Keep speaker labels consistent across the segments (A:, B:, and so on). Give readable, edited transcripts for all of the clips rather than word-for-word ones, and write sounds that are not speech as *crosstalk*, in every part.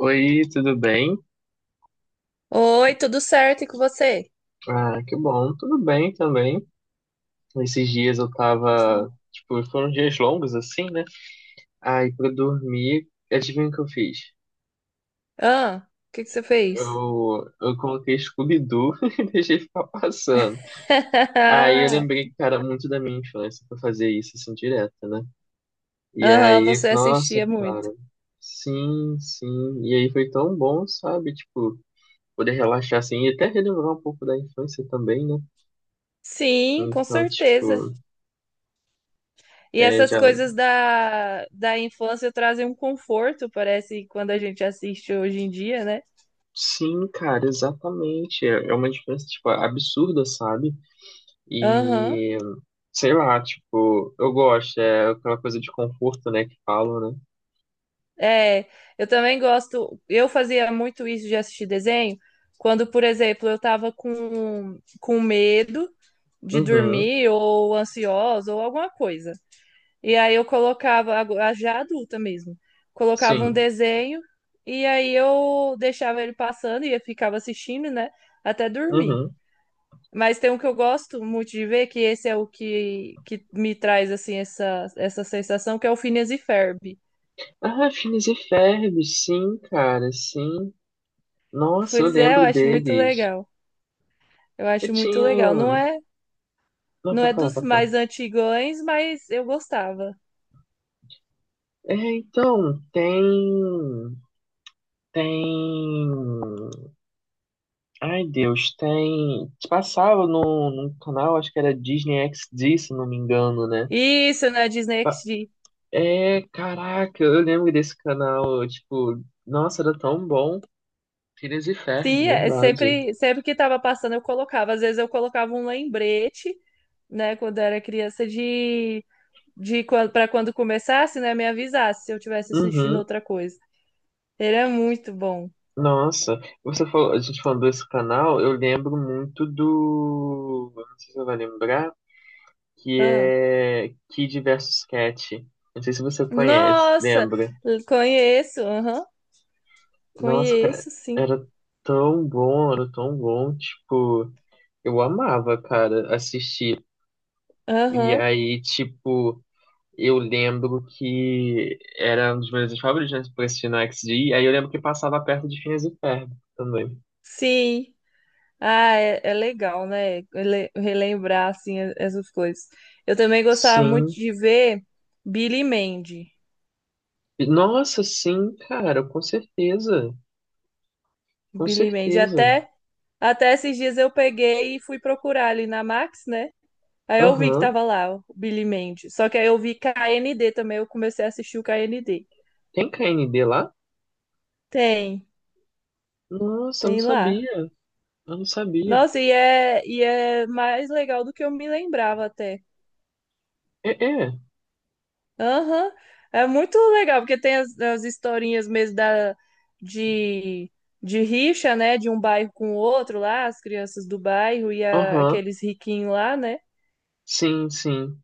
A: Oi, tudo bem?
B: Oi, tudo certo e com você?
A: Ah, que bom, tudo bem também. Esses dias eu tava, tipo, foram dias longos assim, né? Aí pra dormir, adivinha o que eu fiz?
B: Ah, o que que você fez?
A: Eu coloquei Scooby-Doo *laughs* e deixei ficar passando. Aí eu lembrei
B: *laughs*
A: que, cara, muito da minha infância pra fazer isso assim direto, né? E
B: Aham,
A: aí,
B: você
A: nossa,
B: assistia muito.
A: cara, sim, sim. E aí foi tão bom, sabe? Tipo, poder relaxar assim e até relembrar um pouco da infância também, né?
B: Sim, com
A: Então,
B: certeza.
A: tipo.
B: E
A: É,
B: essas
A: já.
B: coisas da infância trazem um conforto, parece, quando a gente assiste hoje em dia, né?
A: Sim, cara, exatamente. É é uma diferença, tipo, absurda, sabe?
B: Aham.
A: E sei lá, tipo, eu gosto, é aquela coisa de conforto, né, que falam, né?
B: É, eu também gosto. Eu fazia muito isso de assistir desenho quando, por exemplo, eu tava com medo de
A: Uhum,
B: dormir ou ansiosa ou alguma coisa. E aí eu colocava, já adulta mesmo, colocava um
A: sim.
B: desenho e aí eu deixava ele passando e eu ficava assistindo, né, até dormir.
A: Uhum.
B: Mas tem um que eu gosto muito de ver, que esse é o que me traz, assim, essa sensação, que é o Phineas e Ferb.
A: Ah, Phineas e Ferb, sim, cara, sim. Nossa, eu
B: Pois é, eu
A: lembro
B: acho muito
A: deles.
B: legal. Eu
A: Eu
B: acho muito legal. Não
A: tinha.
B: é,
A: Não,
B: não
A: pra
B: é
A: falar,
B: dos
A: pra falar.
B: mais antigões, mas eu gostava.
A: É, então, tem. Tem. Ai, Deus, tem. Passava num canal, acho que era Disney XD, se não me engano, né?
B: Isso, na Disney
A: Pa-
B: XD.
A: é, caraca, eu lembro desse canal, tipo, nossa, era tão bom. Phineas e Ferb,
B: Sim, é
A: verdade.
B: sempre, sempre que estava passando eu colocava. Às vezes eu colocava um lembrete, né, quando eu era criança, de quando, para quando começasse, né, me avisasse se eu tivesse assistindo
A: Uhum.
B: outra coisa. Ele é muito bom.
A: Nossa, você falou, a gente falando desse canal, eu lembro muito do. Eu não sei se você vai lembrar, que
B: Ah.
A: é Kid versus Cat. Não sei se você conhece,
B: Nossa,
A: lembra?
B: conheço, aham,
A: Nossa, cara,
B: conheço, sim.
A: era era tão bom, tipo. Eu amava, cara, assistir. E
B: Aham,
A: aí, tipo, eu lembro que era um dos meus favoritos, né, pra assistir no XD. E aí eu lembro que passava perto de Phineas e Ferb também.
B: sim. Ah, é, é legal, né, relembrar, assim, essas coisas. Eu também gostava muito
A: Sim.
B: de ver Billy Mandy.
A: Nossa, sim, cara, com certeza. Com
B: Billy Mandy,
A: certeza.
B: até. Até esses dias eu peguei e fui procurar ali na Max, né? Aí eu vi que
A: Aham.
B: tava lá o Billy Mandy. Só que aí eu vi KND também, eu comecei a assistir o KND.
A: Tem K N D lá?
B: Tem,
A: Nossa, eu não
B: tem
A: sabia.
B: lá.
A: Eu não sabia.
B: Nossa, e é mais legal do que eu me lembrava até.
A: É, é.
B: Aham, é muito legal, porque tem as historinhas mesmo da, de, de rixa, né? De um bairro com o outro lá, as crianças do bairro e
A: Aham.
B: aqueles riquinhos lá, né?
A: Sim, sim.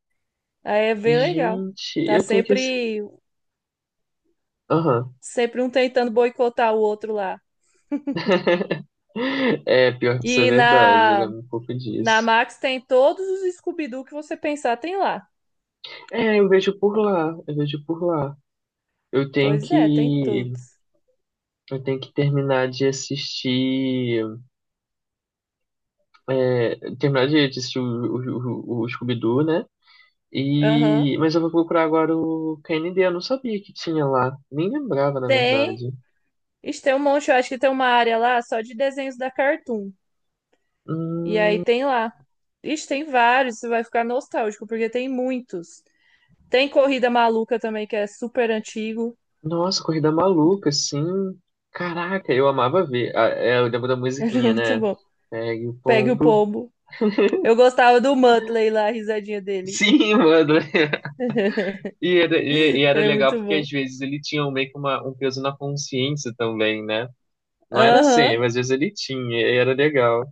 B: Aí é bem legal.
A: Gente,
B: Tá
A: eu tenho que. Assi-.
B: sempre
A: Aham.
B: sempre um tentando boicotar o outro lá.
A: *laughs* É, pior que isso é
B: E
A: verdade, eu
B: na,
A: lembro um pouco
B: na
A: disso.
B: Max tem todos os Scooby-Doo que você pensar, tem lá.
A: É, eu vejo por lá, eu vejo por lá. Eu tenho
B: Pois é, tem
A: que,
B: todos.
A: eu tenho que terminar de assistir, é, terminar de assistir o Scooby-Doo, né?
B: Aham.
A: E, mas eu vou procurar agora o KND, eu não sabia que tinha lá, nem lembrava, na
B: Tem.
A: verdade.
B: Ixi, tem um monte, eu acho que tem uma área lá só de desenhos da Cartoon. E aí
A: Hum,
B: tem lá. Ixi, tem vários, você vai ficar nostálgico, porque tem muitos. Tem Corrida Maluca também, que é super antigo.
A: nossa, Corrida Maluca, assim, caraca, eu amava ver. Ah, é, eu lembro da
B: *laughs* Ele é
A: musiquinha,
B: muito
A: né?
B: bom.
A: Pegue o
B: Pegue o
A: pombo.
B: pombo. Eu gostava do Muttley lá, a risadinha dele.
A: Sim, mano. *laughs*
B: *laughs*
A: E
B: Ele
A: era
B: é
A: legal
B: muito
A: porque
B: bom.
A: às vezes ele tinha um, meio que uma, um peso na consciência também, né? Não era sempre,
B: Aham.
A: mas às vezes ele tinha, e era legal.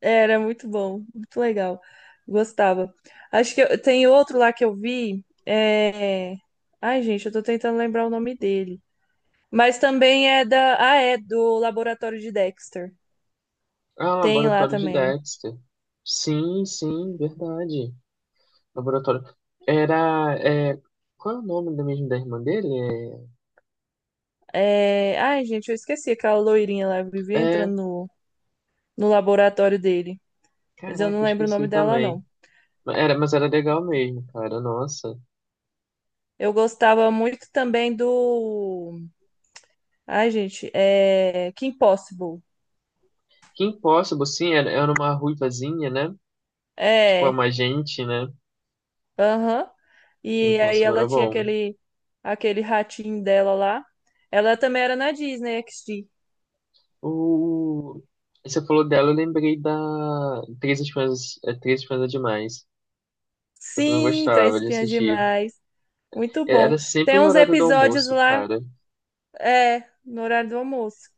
B: Era muito bom, muito legal. Gostava. Acho que tem outro lá que eu vi. É... Ai, gente, eu tô tentando lembrar o nome dele. Mas também é da. Ah, é do Laboratório de Dexter.
A: Ah,
B: Tem lá
A: laboratório de
B: também.
A: Dexter. Sim, sim, verdade. Laboratório. Era. É, qual é o nome da mesmo da irmã dele?
B: É... Ai, gente, eu esqueci aquela loirinha lá. Eu vivia
A: É, é,
B: entrando no, no laboratório dele. Mas eu
A: caraca,
B: não
A: eu
B: lembro o nome
A: esqueci
B: dela,
A: também.
B: não.
A: Mas era, mas era legal mesmo, cara. Nossa.
B: Eu gostava muito também do. Ai, gente, é. Kim Possible.
A: Kim Possible, sim, era, era uma ruivazinha, né? Tipo, é
B: É.
A: uma gente, né?
B: Aham.
A: Kim
B: E aí
A: Possible
B: ela
A: era
B: tinha
A: bom.
B: aquele, aquele ratinho dela lá. Ela também era na Disney XD.
A: O... Você falou dela, eu lembrei da Três Espiãs é Demais. Eu também
B: Sim, Três
A: gostava de
B: Espiãs
A: assistir.
B: Demais. Muito
A: É,
B: bom.
A: era sempre
B: Tem
A: no
B: uns
A: horário do
B: episódios
A: almoço,
B: lá,
A: cara.
B: é, no horário do almoço.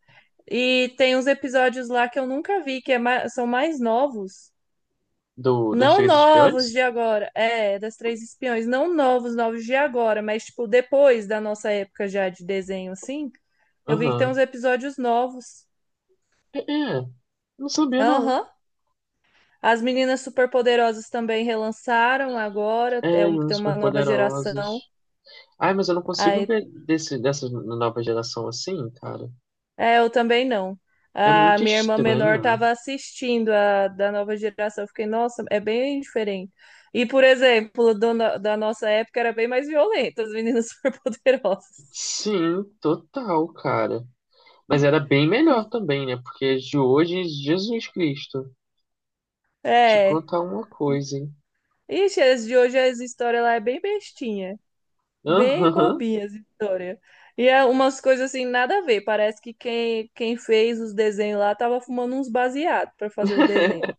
B: E tem uns episódios lá que eu nunca vi, que é são mais novos.
A: Do, das
B: Não
A: Três
B: novos
A: Espiãs?
B: de agora, é, das Três Espiões. Não novos, novos de agora, mas, tipo, depois da nossa época já de desenho, assim. Eu vi que tem uns
A: Aham.
B: episódios novos.
A: É, é. Não sabia, não.
B: Aham. As meninas superpoderosas também relançaram agora, é
A: É, e
B: tem
A: uns
B: uma nova geração.
A: superpoderosos. Ai, mas eu não consigo
B: Aí,
A: ver desse, dessa nova geração assim, cara.
B: é, eu também não.
A: É
B: A
A: muito
B: minha irmã menor
A: estranho.
B: estava assistindo a da nova geração. Eu fiquei, nossa, é bem diferente. E, por exemplo, do da nossa época era bem mais violenta, as meninas *laughs* superpoderosas.
A: Sim, total, cara. Mas era bem melhor também, né? Porque de hoje, Jesus Cristo. Te
B: É.
A: contar uma coisa, hein?
B: Ixi, as de hoje as histórias lá é bem bestinha. Bem
A: Aham.
B: bobinhas, essa história. E é umas coisas assim, nada a ver. Parece que quem, quem fez os desenhos lá tava fumando uns baseados para fazer o desenho.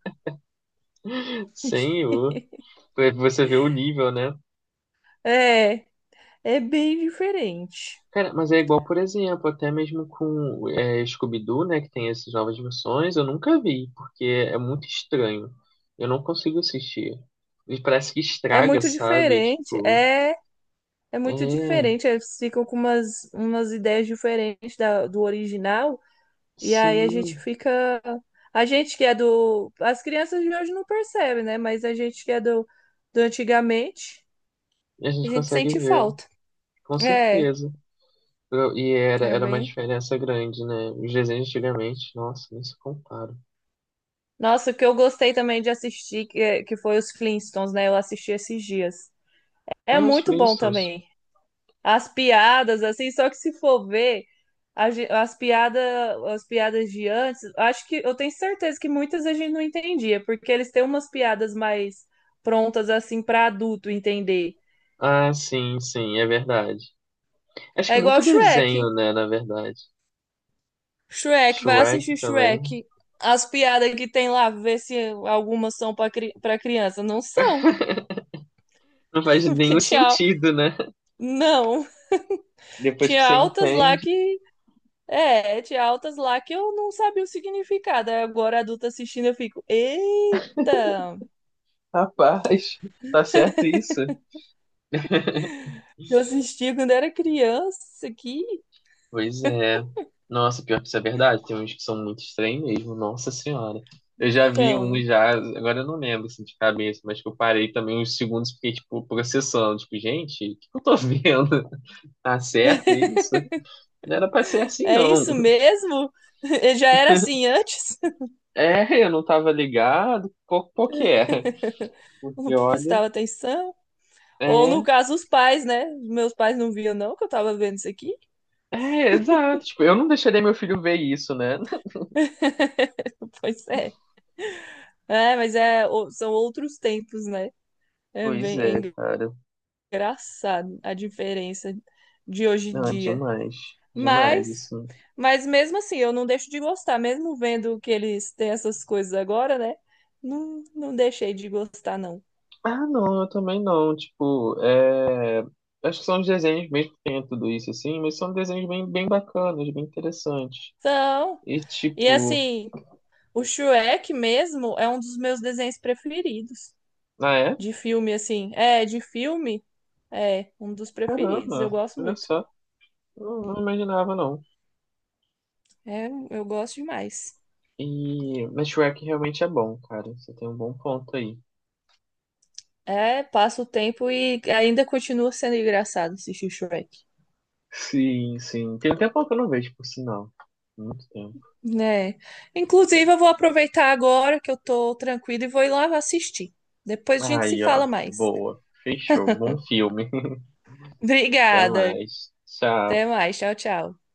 A: *laughs*
B: *laughs*
A: Senhor. Pra você ver o nível, né?
B: É, é bem diferente.
A: Cara, mas é igual, por exemplo, até mesmo com é, Scooby-Doo, né? Que tem essas novas versões, eu nunca vi, porque é muito estranho. Eu não consigo assistir. E parece que
B: É
A: estraga,
B: muito
A: sabe? É
B: diferente.
A: tipo,
B: É, é muito
A: é,
B: diferente. Eles ficam com umas ideias diferentes da, do original. E aí a
A: sim,
B: gente fica. A gente que é do. As crianças de hoje não percebem, né? Mas a gente que é do, do antigamente,
A: a
B: a
A: gente
B: gente
A: consegue
B: sente
A: ver,
B: falta.
A: com
B: É,
A: certeza. Eu-. E era,
B: era
A: era uma
B: bem.
A: diferença grande, né? Os desenhos antigamente, nossa, nem se compara.
B: Nossa, o que eu gostei também de assistir, que foi os Flintstones, né? Eu assisti esses dias. É
A: Ah, os
B: muito bom
A: Flintstones.
B: também. As piadas, assim, só que se for ver a ge- as piadas, as piadas de antes, acho que eu tenho certeza que muitas a gente não entendia, porque eles têm umas piadas mais prontas, assim, para adulto entender.
A: Ah, sim, sim, é verdade. Acho que
B: É
A: é muito
B: igual Shrek.
A: desenho, né, na verdade.
B: Shrek, vai
A: Shrek
B: assistir
A: também.
B: Shrek. As piadas que tem lá, ver se algumas são para criança. Não são,
A: Não
B: *laughs*
A: faz
B: porque
A: nenhum
B: tchau,
A: sentido, né? *laughs*
B: não.
A: Depois que
B: Tinha
A: você
B: altas lá
A: entende,
B: que. É, tinha altas lá que eu não sabia o significado. Aí agora, adulta assistindo, eu fico, eita!
A: rapaz, *laughs* tá certo isso?
B: Eu assisti quando era criança, que
A: Pois é. Nossa, pior que isso é verdade. Tem uns que são muito estranhos mesmo, nossa senhora. Eu já vi um
B: são.
A: já, agora eu não lembro assim, de cabeça, mas que eu parei também uns segundos, fiquei, tipo, processando. Tipo, gente, o que eu tô vendo? *laughs* Tá certo isso?
B: *laughs*
A: Não era pra ser assim,
B: É
A: não.
B: isso mesmo? *laughs* Eu já era assim antes?
A: É, eu não tava ligado. Qual, qual que é?
B: *laughs* Não
A: Porque olha,
B: prestava atenção? Ou no
A: é,
B: caso, os pais, né? Meus pais não viam, não, que eu tava vendo isso aqui.
A: é, exato. Tipo, eu não deixaria meu filho ver isso, né? *laughs*
B: *laughs* Pois é. É, mas é, são outros tempos, né? É
A: Pois
B: bem é
A: é, cara.
B: engraçado a diferença de hoje em
A: Não, é
B: dia.
A: demais. Demais,
B: Mas,
A: assim.
B: mas mesmo assim, eu não deixo de gostar, mesmo vendo que eles têm essas coisas agora, né? Não, não deixei de gostar, não.
A: Ah, não, eu também não. Tipo, é. Acho que são os desenhos mesmo que tem tudo isso, assim, mas são desenhos bem, bem bacanas, bem interessantes.
B: Então,
A: E
B: e
A: tipo,
B: assim, o Shrek mesmo é um dos meus desenhos preferidos.
A: ah, é?
B: De filme, assim. É, de filme, é um dos preferidos. Eu
A: Caramba,
B: gosto
A: olha
B: muito.
A: só. Não, não imaginava, não.
B: É, eu gosto demais.
A: E, mas Shrek realmente é bom, cara. Você tem um bom ponto aí.
B: É, passa o tempo e ainda continua sendo engraçado assistir Shrek.
A: Sim, sim. Tem um tempo que eu não vejo, por sinal. Muito tempo.
B: É. Inclusive, eu vou aproveitar agora que eu tô tranquila e vou ir lá assistir. Depois a gente se
A: Aí, ó.
B: fala mais.
A: Boa. Fechou. Bom filme. *laughs* Até
B: Obrigada.
A: mais.
B: Até
A: Tchau.
B: mais. Tchau, tchau.